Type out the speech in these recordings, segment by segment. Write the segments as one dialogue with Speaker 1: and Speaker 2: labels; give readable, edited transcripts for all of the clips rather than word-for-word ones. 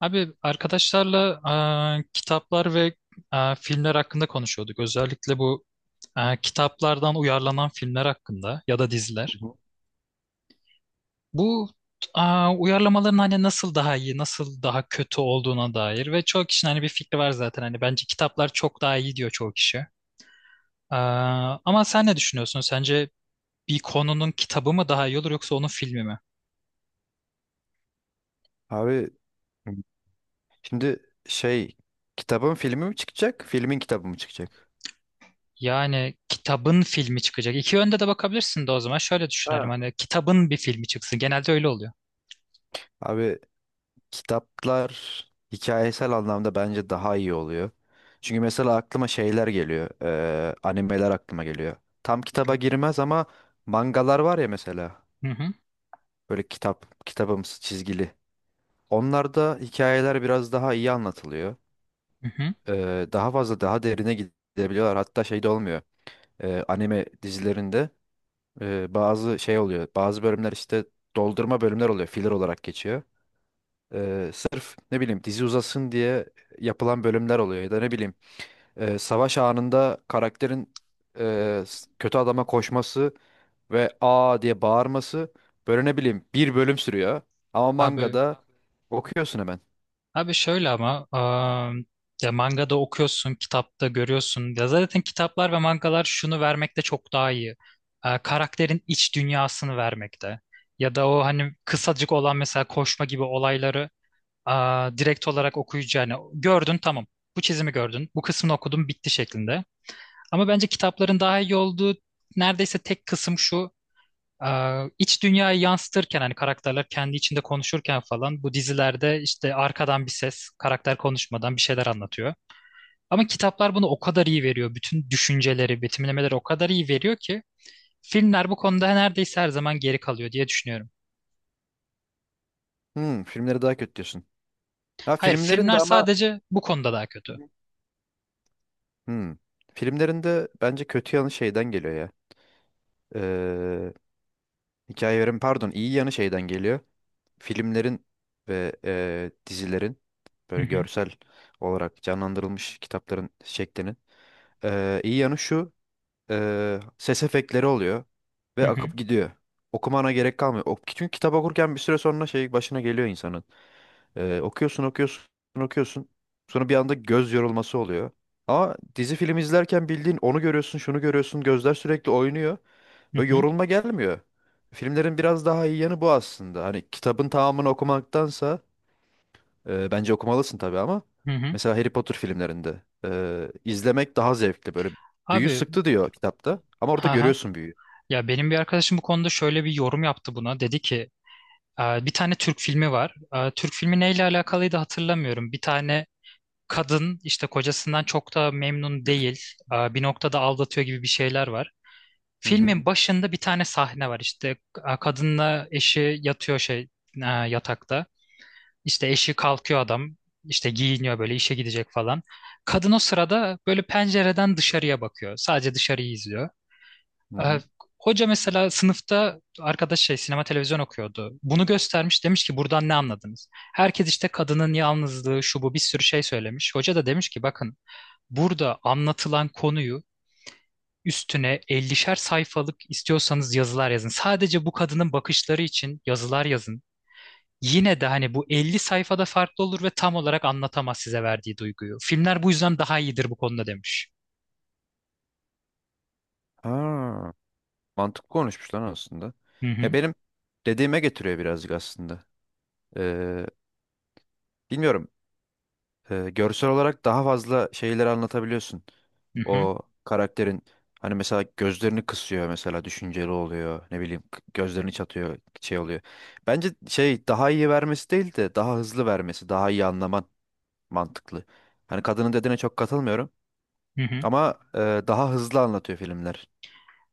Speaker 1: Abi arkadaşlarla kitaplar ve filmler hakkında konuşuyorduk. Özellikle bu kitaplardan uyarlanan filmler hakkında ya da diziler.
Speaker 2: Hı hı.
Speaker 1: Bu e, uyarlamaların hani nasıl daha iyi, nasıl daha kötü olduğuna dair ve çoğu kişinin hani bir fikri var zaten. Hani bence kitaplar çok daha iyi diyor çoğu kişi. E, Ama sen ne düşünüyorsun? Sence bir konunun kitabı mı daha iyi olur yoksa onun filmi mi?
Speaker 2: Abi şimdi şey kitabın filmi mi çıkacak? Filmin kitabı mı çıkacak?
Speaker 1: Yani kitabın filmi çıkacak. İki yönde de bakabilirsin de o zaman şöyle düşünelim.
Speaker 2: Ha.
Speaker 1: Hani kitabın bir filmi çıksın. Genelde öyle oluyor.
Speaker 2: Abi kitaplar hikayesel anlamda bence daha iyi oluyor. Çünkü mesela aklıma şeyler geliyor. Animeler aklıma geliyor. Tam
Speaker 1: Hı
Speaker 2: kitaba
Speaker 1: hı.
Speaker 2: girmez ama mangalar var ya mesela.
Speaker 1: Hı hı.
Speaker 2: Böyle kitap, kitabımsı çizgili. Onlarda hikayeler biraz daha iyi anlatılıyor.
Speaker 1: Hı hı.
Speaker 2: Daha fazla daha derine gidebiliyorlar. Hatta şey de olmuyor. Anime dizilerinde bazı şey oluyor. Bazı bölümler işte doldurma bölümler oluyor. Filler olarak geçiyor. Sırf ne bileyim dizi uzasın diye yapılan bölümler oluyor. Ya da ne bileyim savaş anında karakterin kötü adama koşması ve aa diye bağırması böyle ne bileyim bir bölüm sürüyor. Ama
Speaker 1: Abi
Speaker 2: mangada okuyorsun hemen.
Speaker 1: Abi şöyle ama ya mangada okuyorsun, kitapta görüyorsun. Ya zaten kitaplar ve mangalar şunu vermekte çok daha iyi. Karakterin iç dünyasını vermekte. Ya da o hani kısacık olan mesela koşma gibi olayları direkt olarak okuyucuya hani gördün tamam. Bu çizimi gördün, bu kısmını okudun bitti şeklinde. Ama bence kitapların daha iyi olduğu neredeyse tek kısım şu. İç dünyayı yansıtırken hani karakterler kendi içinde konuşurken falan bu dizilerde işte arkadan bir ses karakter konuşmadan bir şeyler anlatıyor. Ama kitaplar bunu o kadar iyi veriyor. Bütün düşünceleri, betimlemeleri o kadar iyi veriyor ki filmler bu konuda neredeyse her zaman geri kalıyor diye düşünüyorum.
Speaker 2: Hmm, filmleri daha kötü diyorsun. Ha,
Speaker 1: Hayır,
Speaker 2: filmlerin de
Speaker 1: filmler
Speaker 2: ama
Speaker 1: sadece bu konuda daha kötü.
Speaker 2: hmm, filmlerin de bence kötü yanı şeyden geliyor ya. Ee, Hikayelerin pardon iyi yanı şeyden geliyor. Filmlerin ve dizilerin
Speaker 1: Hı
Speaker 2: böyle
Speaker 1: hı,
Speaker 2: görsel olarak canlandırılmış kitapların şeklinin iyi yanı şu: ses efektleri oluyor
Speaker 1: hı
Speaker 2: ve akıp
Speaker 1: hı,
Speaker 2: gidiyor. Okumana gerek kalmıyor. O, çünkü kitap okurken bir süre sonra şey başına geliyor insanın. Okuyorsun okuyorsun. Sonra bir anda göz yorulması oluyor. Ama dizi film izlerken bildiğin onu görüyorsun, şunu görüyorsun, gözler sürekli oynuyor.
Speaker 1: hı
Speaker 2: Böyle
Speaker 1: hı,
Speaker 2: yorulma gelmiyor. Filmlerin biraz daha iyi yanı bu aslında. Hani kitabın tamamını okumaktansa bence okumalısın tabii ama
Speaker 1: hı hı.
Speaker 2: mesela Harry Potter filmlerinde izlemek daha zevkli. Böyle büyü
Speaker 1: Abi,
Speaker 2: sıktı diyor kitapta ama orada
Speaker 1: ha ha.
Speaker 2: görüyorsun büyüyü.
Speaker 1: Ya benim bir arkadaşım bu konuda şöyle bir yorum yaptı buna. Dedi ki: Bir tane Türk filmi var. Türk filmi neyle alakalıydı hatırlamıyorum. Bir tane kadın işte kocasından çok da memnun değil. Bir noktada aldatıyor gibi bir şeyler var.
Speaker 2: Hı hı.
Speaker 1: Filmin başında bir tane sahne var işte kadınla eşi yatıyor şey yatakta. İşte eşi kalkıyor, adam işte giyiniyor böyle, işe gidecek falan. Kadın o sırada böyle pencereden dışarıya bakıyor. Sadece dışarıyı izliyor.
Speaker 2: Hı
Speaker 1: Ee,
Speaker 2: hı.
Speaker 1: Hoca mesela sınıfta, arkadaş şey sinema televizyon okuyordu, bunu göstermiş, demiş ki buradan ne anladınız? Herkes işte kadının yalnızlığı, şu, bu, bir sürü şey söylemiş. Hoca da demiş ki bakın, burada anlatılan konuyu üstüne 50'şer sayfalık istiyorsanız yazılar yazın. Sadece bu kadının bakışları için yazılar yazın. Yine de hani bu 50 sayfada farklı olur ve tam olarak anlatamaz size verdiği duyguyu. Filmler bu yüzden daha iyidir bu konuda," demiş.
Speaker 2: Ha, mantıklı konuşmuş lan aslında.
Speaker 1: Hı
Speaker 2: Ya
Speaker 1: hı,
Speaker 2: benim dediğime getiriyor birazcık aslında. Ee, bilmiyorum. Görsel olarak daha fazla şeyleri anlatabiliyorsun.
Speaker 1: hı hı,
Speaker 2: O karakterin hani mesela gözlerini kısıyor mesela düşünceli oluyor. Ne bileyim gözlerini çatıyor şey oluyor. Bence şey daha iyi vermesi değil de daha hızlı vermesi, daha iyi anlaman mantıklı. Hani kadının dediğine çok katılmıyorum
Speaker 1: hı hı.
Speaker 2: ama daha hızlı anlatıyor filmler.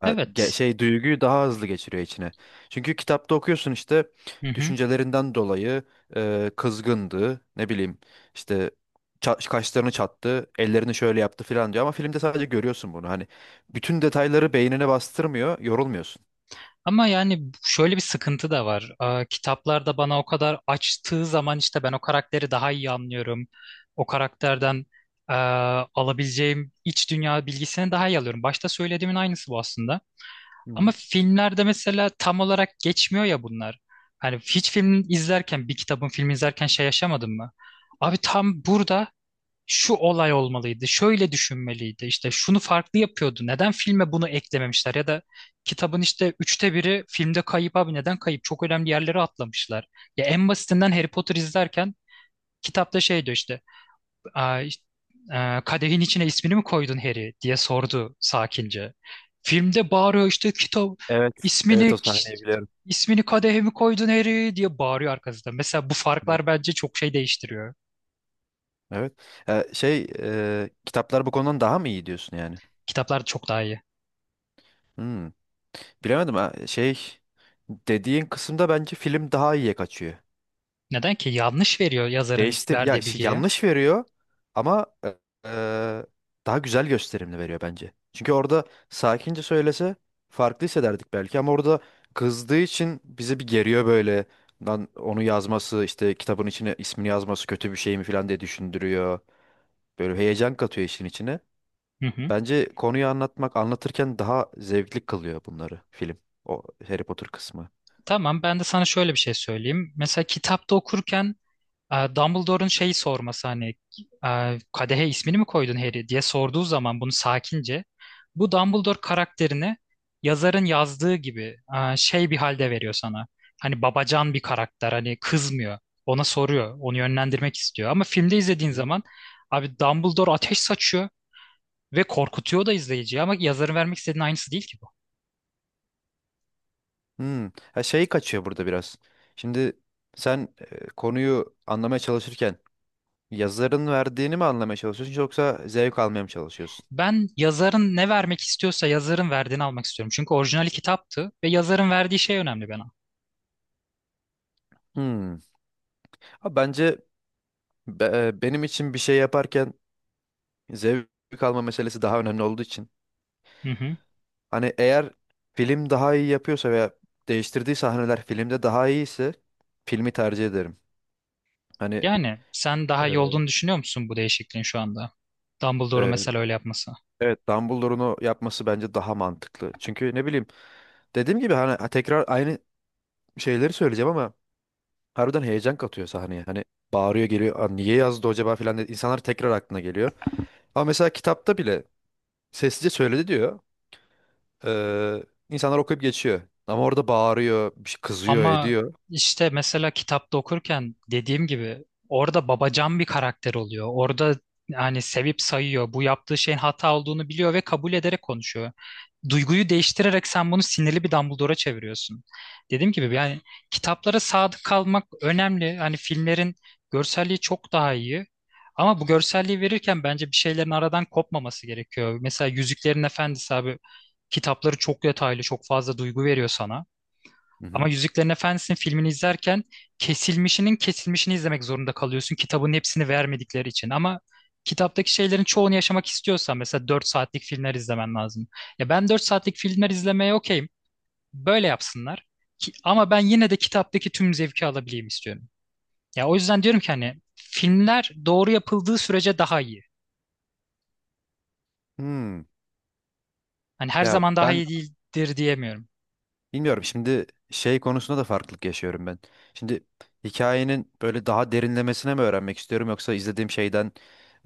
Speaker 2: Ha,
Speaker 1: Evet.
Speaker 2: şey duyguyu daha hızlı geçiriyor içine. Çünkü kitapta okuyorsun işte
Speaker 1: Hı hı.
Speaker 2: düşüncelerinden dolayı kızgındı, ne bileyim işte kaşlarını çattı, ellerini şöyle yaptı falan diyor ama filmde sadece görüyorsun bunu. Hani bütün detayları beynine bastırmıyor, yorulmuyorsun.
Speaker 1: Ama yani şöyle bir sıkıntı da var. Kitaplarda bana o kadar açtığı zaman işte ben o karakteri daha iyi anlıyorum. O karakterden eee, alabileceğim iç dünya bilgisini daha iyi alıyorum. Başta söylediğimin aynısı bu aslında.
Speaker 2: Hı
Speaker 1: Ama
Speaker 2: hı.
Speaker 1: filmlerde mesela tam olarak geçmiyor ya bunlar. Hani hiç film izlerken, bir kitabın filmi izlerken şey yaşamadın mı? Abi tam burada şu olay olmalıydı, şöyle düşünmeliydi, işte şunu farklı yapıyordu, neden filme bunu eklememişler ya da kitabın işte üçte biri filmde kayıp, abi neden kayıp, çok önemli yerlere atlamışlar. Ya en basitinden Harry Potter izlerken kitapta şey diyor işte, işte, kadehin içine ismini mi koydun Harry," diye sordu sakince. Filmde bağırıyor işte, kitap
Speaker 2: Evet. Evet,
Speaker 1: ismini
Speaker 2: o sahneyi biliyorum.
Speaker 1: ismini kadehe mi koydun Harry diye bağırıyor arkasında. Mesela bu
Speaker 2: Evet.
Speaker 1: farklar bence çok şey değiştiriyor.
Speaker 2: Evet. Ha, şey kitaplar bu konudan daha mı iyi diyorsun yani?
Speaker 1: Kitaplar çok daha iyi.
Speaker 2: Hmm, bilemedim ha. Şey dediğin kısımda bence film daha iyiye kaçıyor.
Speaker 1: Neden ki? Yanlış veriyor yazarın
Speaker 2: Değiştir ya
Speaker 1: verdiği
Speaker 2: şey,
Speaker 1: bilgiyi.
Speaker 2: yanlış veriyor ama e, daha güzel gösterimli veriyor bence. Çünkü orada sakince söylese farklı hissederdik belki ama orada kızdığı için bizi bir geriyor böyle. Lan onu yazması işte kitabın içine ismini yazması kötü bir şey mi falan diye düşündürüyor. Böyle heyecan katıyor işin içine.
Speaker 1: Hı hı.
Speaker 2: Bence konuyu anlatmak anlatırken daha zevkli kılıyor bunları film. O Harry Potter kısmı.
Speaker 1: Tamam, ben de sana şöyle bir şey söyleyeyim. Mesela kitapta okurken Dumbledore'un şeyi sorması hani, kadehe ismini mi koydun Harry diye sorduğu zaman bunu sakince, bu Dumbledore karakterini yazarın yazdığı gibi şey bir halde veriyor sana. Hani babacan bir karakter, hani kızmıyor. Ona soruyor. Onu yönlendirmek istiyor. Ama filmde izlediğin zaman abi Dumbledore ateş saçıyor ve korkutuyor da izleyiciyi, ama yazarın vermek istediğinin aynısı değil ki bu.
Speaker 2: Hmm. Ha, şey kaçıyor burada biraz. Şimdi sen konuyu anlamaya çalışırken yazarın verdiğini mi anlamaya çalışıyorsun yoksa zevk almaya mı çalışıyorsun?
Speaker 1: Ben yazarın ne vermek istiyorsa yazarın verdiğini almak istiyorum. Çünkü orijinali kitaptı ve yazarın verdiği şey önemli bana.
Speaker 2: Hmm. Ha, bence benim için bir şey yaparken zevk alma meselesi daha önemli olduğu için.
Speaker 1: Hı hı.
Speaker 2: Hani eğer film daha iyi yapıyorsa veya değiştirdiği sahneler filmde daha iyiyse filmi tercih ederim. Hani
Speaker 1: Yani sen
Speaker 2: e,
Speaker 1: daha iyi olduğunu düşünüyor musun bu değişikliğin şu anda? Dumbledore'u
Speaker 2: e,
Speaker 1: mesela öyle yapması.
Speaker 2: evet, Dumbledore'un o yapması bence daha mantıklı. Çünkü ne bileyim dediğim gibi hani tekrar aynı şeyleri söyleyeceğim ama harbiden heyecan katıyor sahneye. Hani bağırıyor geliyor. "Aa, niye yazdı acaba" filan dedi. İnsanlar tekrar aklına geliyor. Ama mesela kitapta bile sessizce söyledi diyor. Ee, insanlar okuyup geçiyor. Ama orada bağırıyor, bir şey kızıyor,
Speaker 1: Ama
Speaker 2: ediyor.
Speaker 1: işte mesela kitapta okurken dediğim gibi orada babacan bir karakter oluyor. Orada yani sevip sayıyor. Bu yaptığı şeyin hata olduğunu biliyor ve kabul ederek konuşuyor. Duyguyu değiştirerek sen bunu sinirli bir Dumbledore'a çeviriyorsun. Dediğim gibi yani kitaplara sadık kalmak önemli. Hani filmlerin görselliği çok daha iyi. Ama bu görselliği verirken bence bir şeylerin aradan kopmaması gerekiyor. Mesela Yüzüklerin Efendisi abi, kitapları çok detaylı, çok fazla duygu veriyor sana.
Speaker 2: Hı
Speaker 1: Ama
Speaker 2: hı.
Speaker 1: Yüzüklerin Efendisi'nin filmini izlerken kesilmişinin kesilmişini izlemek zorunda kalıyorsun. Kitabın hepsini vermedikleri için. Ama kitaptaki şeylerin çoğunu yaşamak istiyorsan mesela 4 saatlik filmler izlemen lazım. Ya ben 4 saatlik filmler izlemeye okeyim. Böyle yapsınlar. Ki, ama ben yine de kitaptaki tüm zevki alabileyim istiyorum. Ya o yüzden diyorum ki hani filmler doğru yapıldığı sürece daha iyi.
Speaker 2: Hmm.
Speaker 1: Hani her
Speaker 2: Ya
Speaker 1: zaman daha
Speaker 2: ben
Speaker 1: iyi değildir diyemiyorum.
Speaker 2: bilmiyorum. Şimdi şey konusunda da farklılık yaşıyorum ben. Şimdi hikayenin böyle daha derinlemesine mi öğrenmek istiyorum yoksa izlediğim şeyden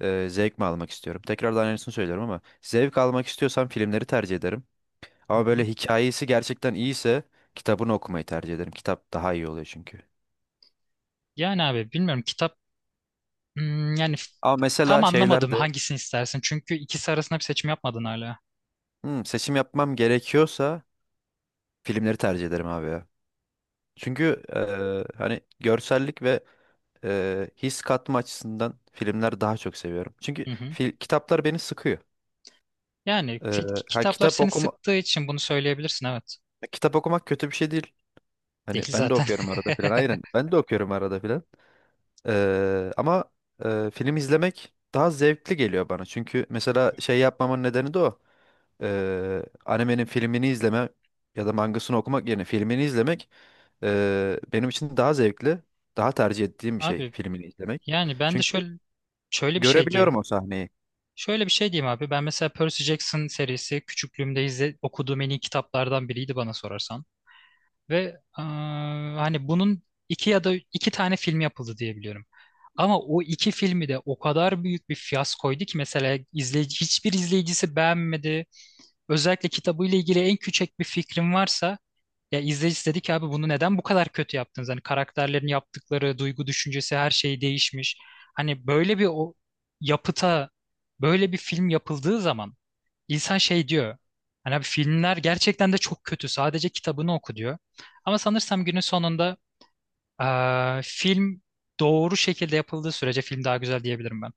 Speaker 2: zevk mi almak istiyorum? Tekrardan aynısını söylüyorum ama zevk almak istiyorsam filmleri tercih ederim.
Speaker 1: Hı
Speaker 2: Ama böyle
Speaker 1: hı.
Speaker 2: hikayesi gerçekten iyiyse kitabını okumayı tercih ederim. Kitap daha iyi oluyor çünkü.
Speaker 1: Yani abi bilmiyorum, kitap Hmm, yani f-
Speaker 2: Ama
Speaker 1: tam
Speaker 2: mesela
Speaker 1: anlamadım
Speaker 2: şeylerde
Speaker 1: hangisini istersin. Çünkü ikisi arasında bir seçim yapmadın hala.
Speaker 2: hmm, seçim yapmam gerekiyorsa filmleri tercih ederim abi ya. Çünkü hani görsellik ve his katma açısından filmler daha çok seviyorum. Çünkü
Speaker 1: Hı hı.
Speaker 2: fil, kitaplar beni sıkıyor.
Speaker 1: Yani
Speaker 2: E, ha,
Speaker 1: kitaplar seni sıktığı için bunu söyleyebilirsin, evet.
Speaker 2: kitap okumak kötü bir şey değil. Hani
Speaker 1: Değil
Speaker 2: ben de
Speaker 1: zaten.
Speaker 2: okuyorum arada filan. Aynen ben de okuyorum arada filan. Ama film izlemek daha zevkli geliyor bana. Çünkü mesela şey yapmamın nedeni de o. Animenin filmini izleme ya da mangasını okumak yerine filmini izlemek benim için daha zevkli, daha tercih ettiğim bir şey
Speaker 1: Abi
Speaker 2: filmini izlemek.
Speaker 1: yani ben de
Speaker 2: Çünkü
Speaker 1: şöyle bir şey
Speaker 2: görebiliyorum
Speaker 1: diyeyim.
Speaker 2: o sahneyi.
Speaker 1: Şöyle bir şey diyeyim abi. Ben mesela Percy Jackson serisi küçüklüğümde okuduğum en iyi kitaplardan biriydi bana sorarsan. Ve hani bunun iki ya da iki tane film yapıldı diye biliyorum. Ama o iki filmi de o kadar büyük bir fiyaskoydu ki mesela izleyici, hiçbir izleyicisi beğenmedi. Özellikle kitabıyla ilgili en küçük bir fikrim varsa ya, izleyici dedi ki abi bunu neden bu kadar kötü yaptınız? Hani karakterlerin yaptıkları, duygu düşüncesi, her şey değişmiş. Hani böyle bir o yapıta böyle bir film yapıldığı zaman İnsan şey diyor. Hani abi filmler gerçekten de çok kötü, sadece kitabını oku diyor. Ama sanırsam günün sonunda film doğru şekilde yapıldığı sürece film daha güzel diyebilirim ben.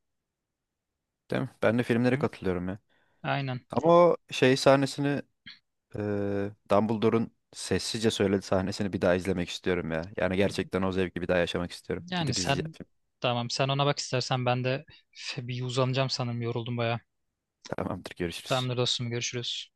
Speaker 2: Değil mi? Ben de filmlere
Speaker 1: Hı.
Speaker 2: katılıyorum ya.
Speaker 1: Aynen.
Speaker 2: Ama o şey sahnesini Dumbledore'un sessizce söylediği sahnesini bir daha izlemek istiyorum ya. Yani gerçekten o zevki bir daha yaşamak istiyorum.
Speaker 1: Yani
Speaker 2: Gidip izleyeceğim
Speaker 1: sen,
Speaker 2: film.
Speaker 1: tamam sen ona bak istersen, ben de bir uzanacağım sanırım, yoruldum bayağı.
Speaker 2: Tamamdır, görüşürüz.
Speaker 1: Tamamdır dostum, görüşürüz.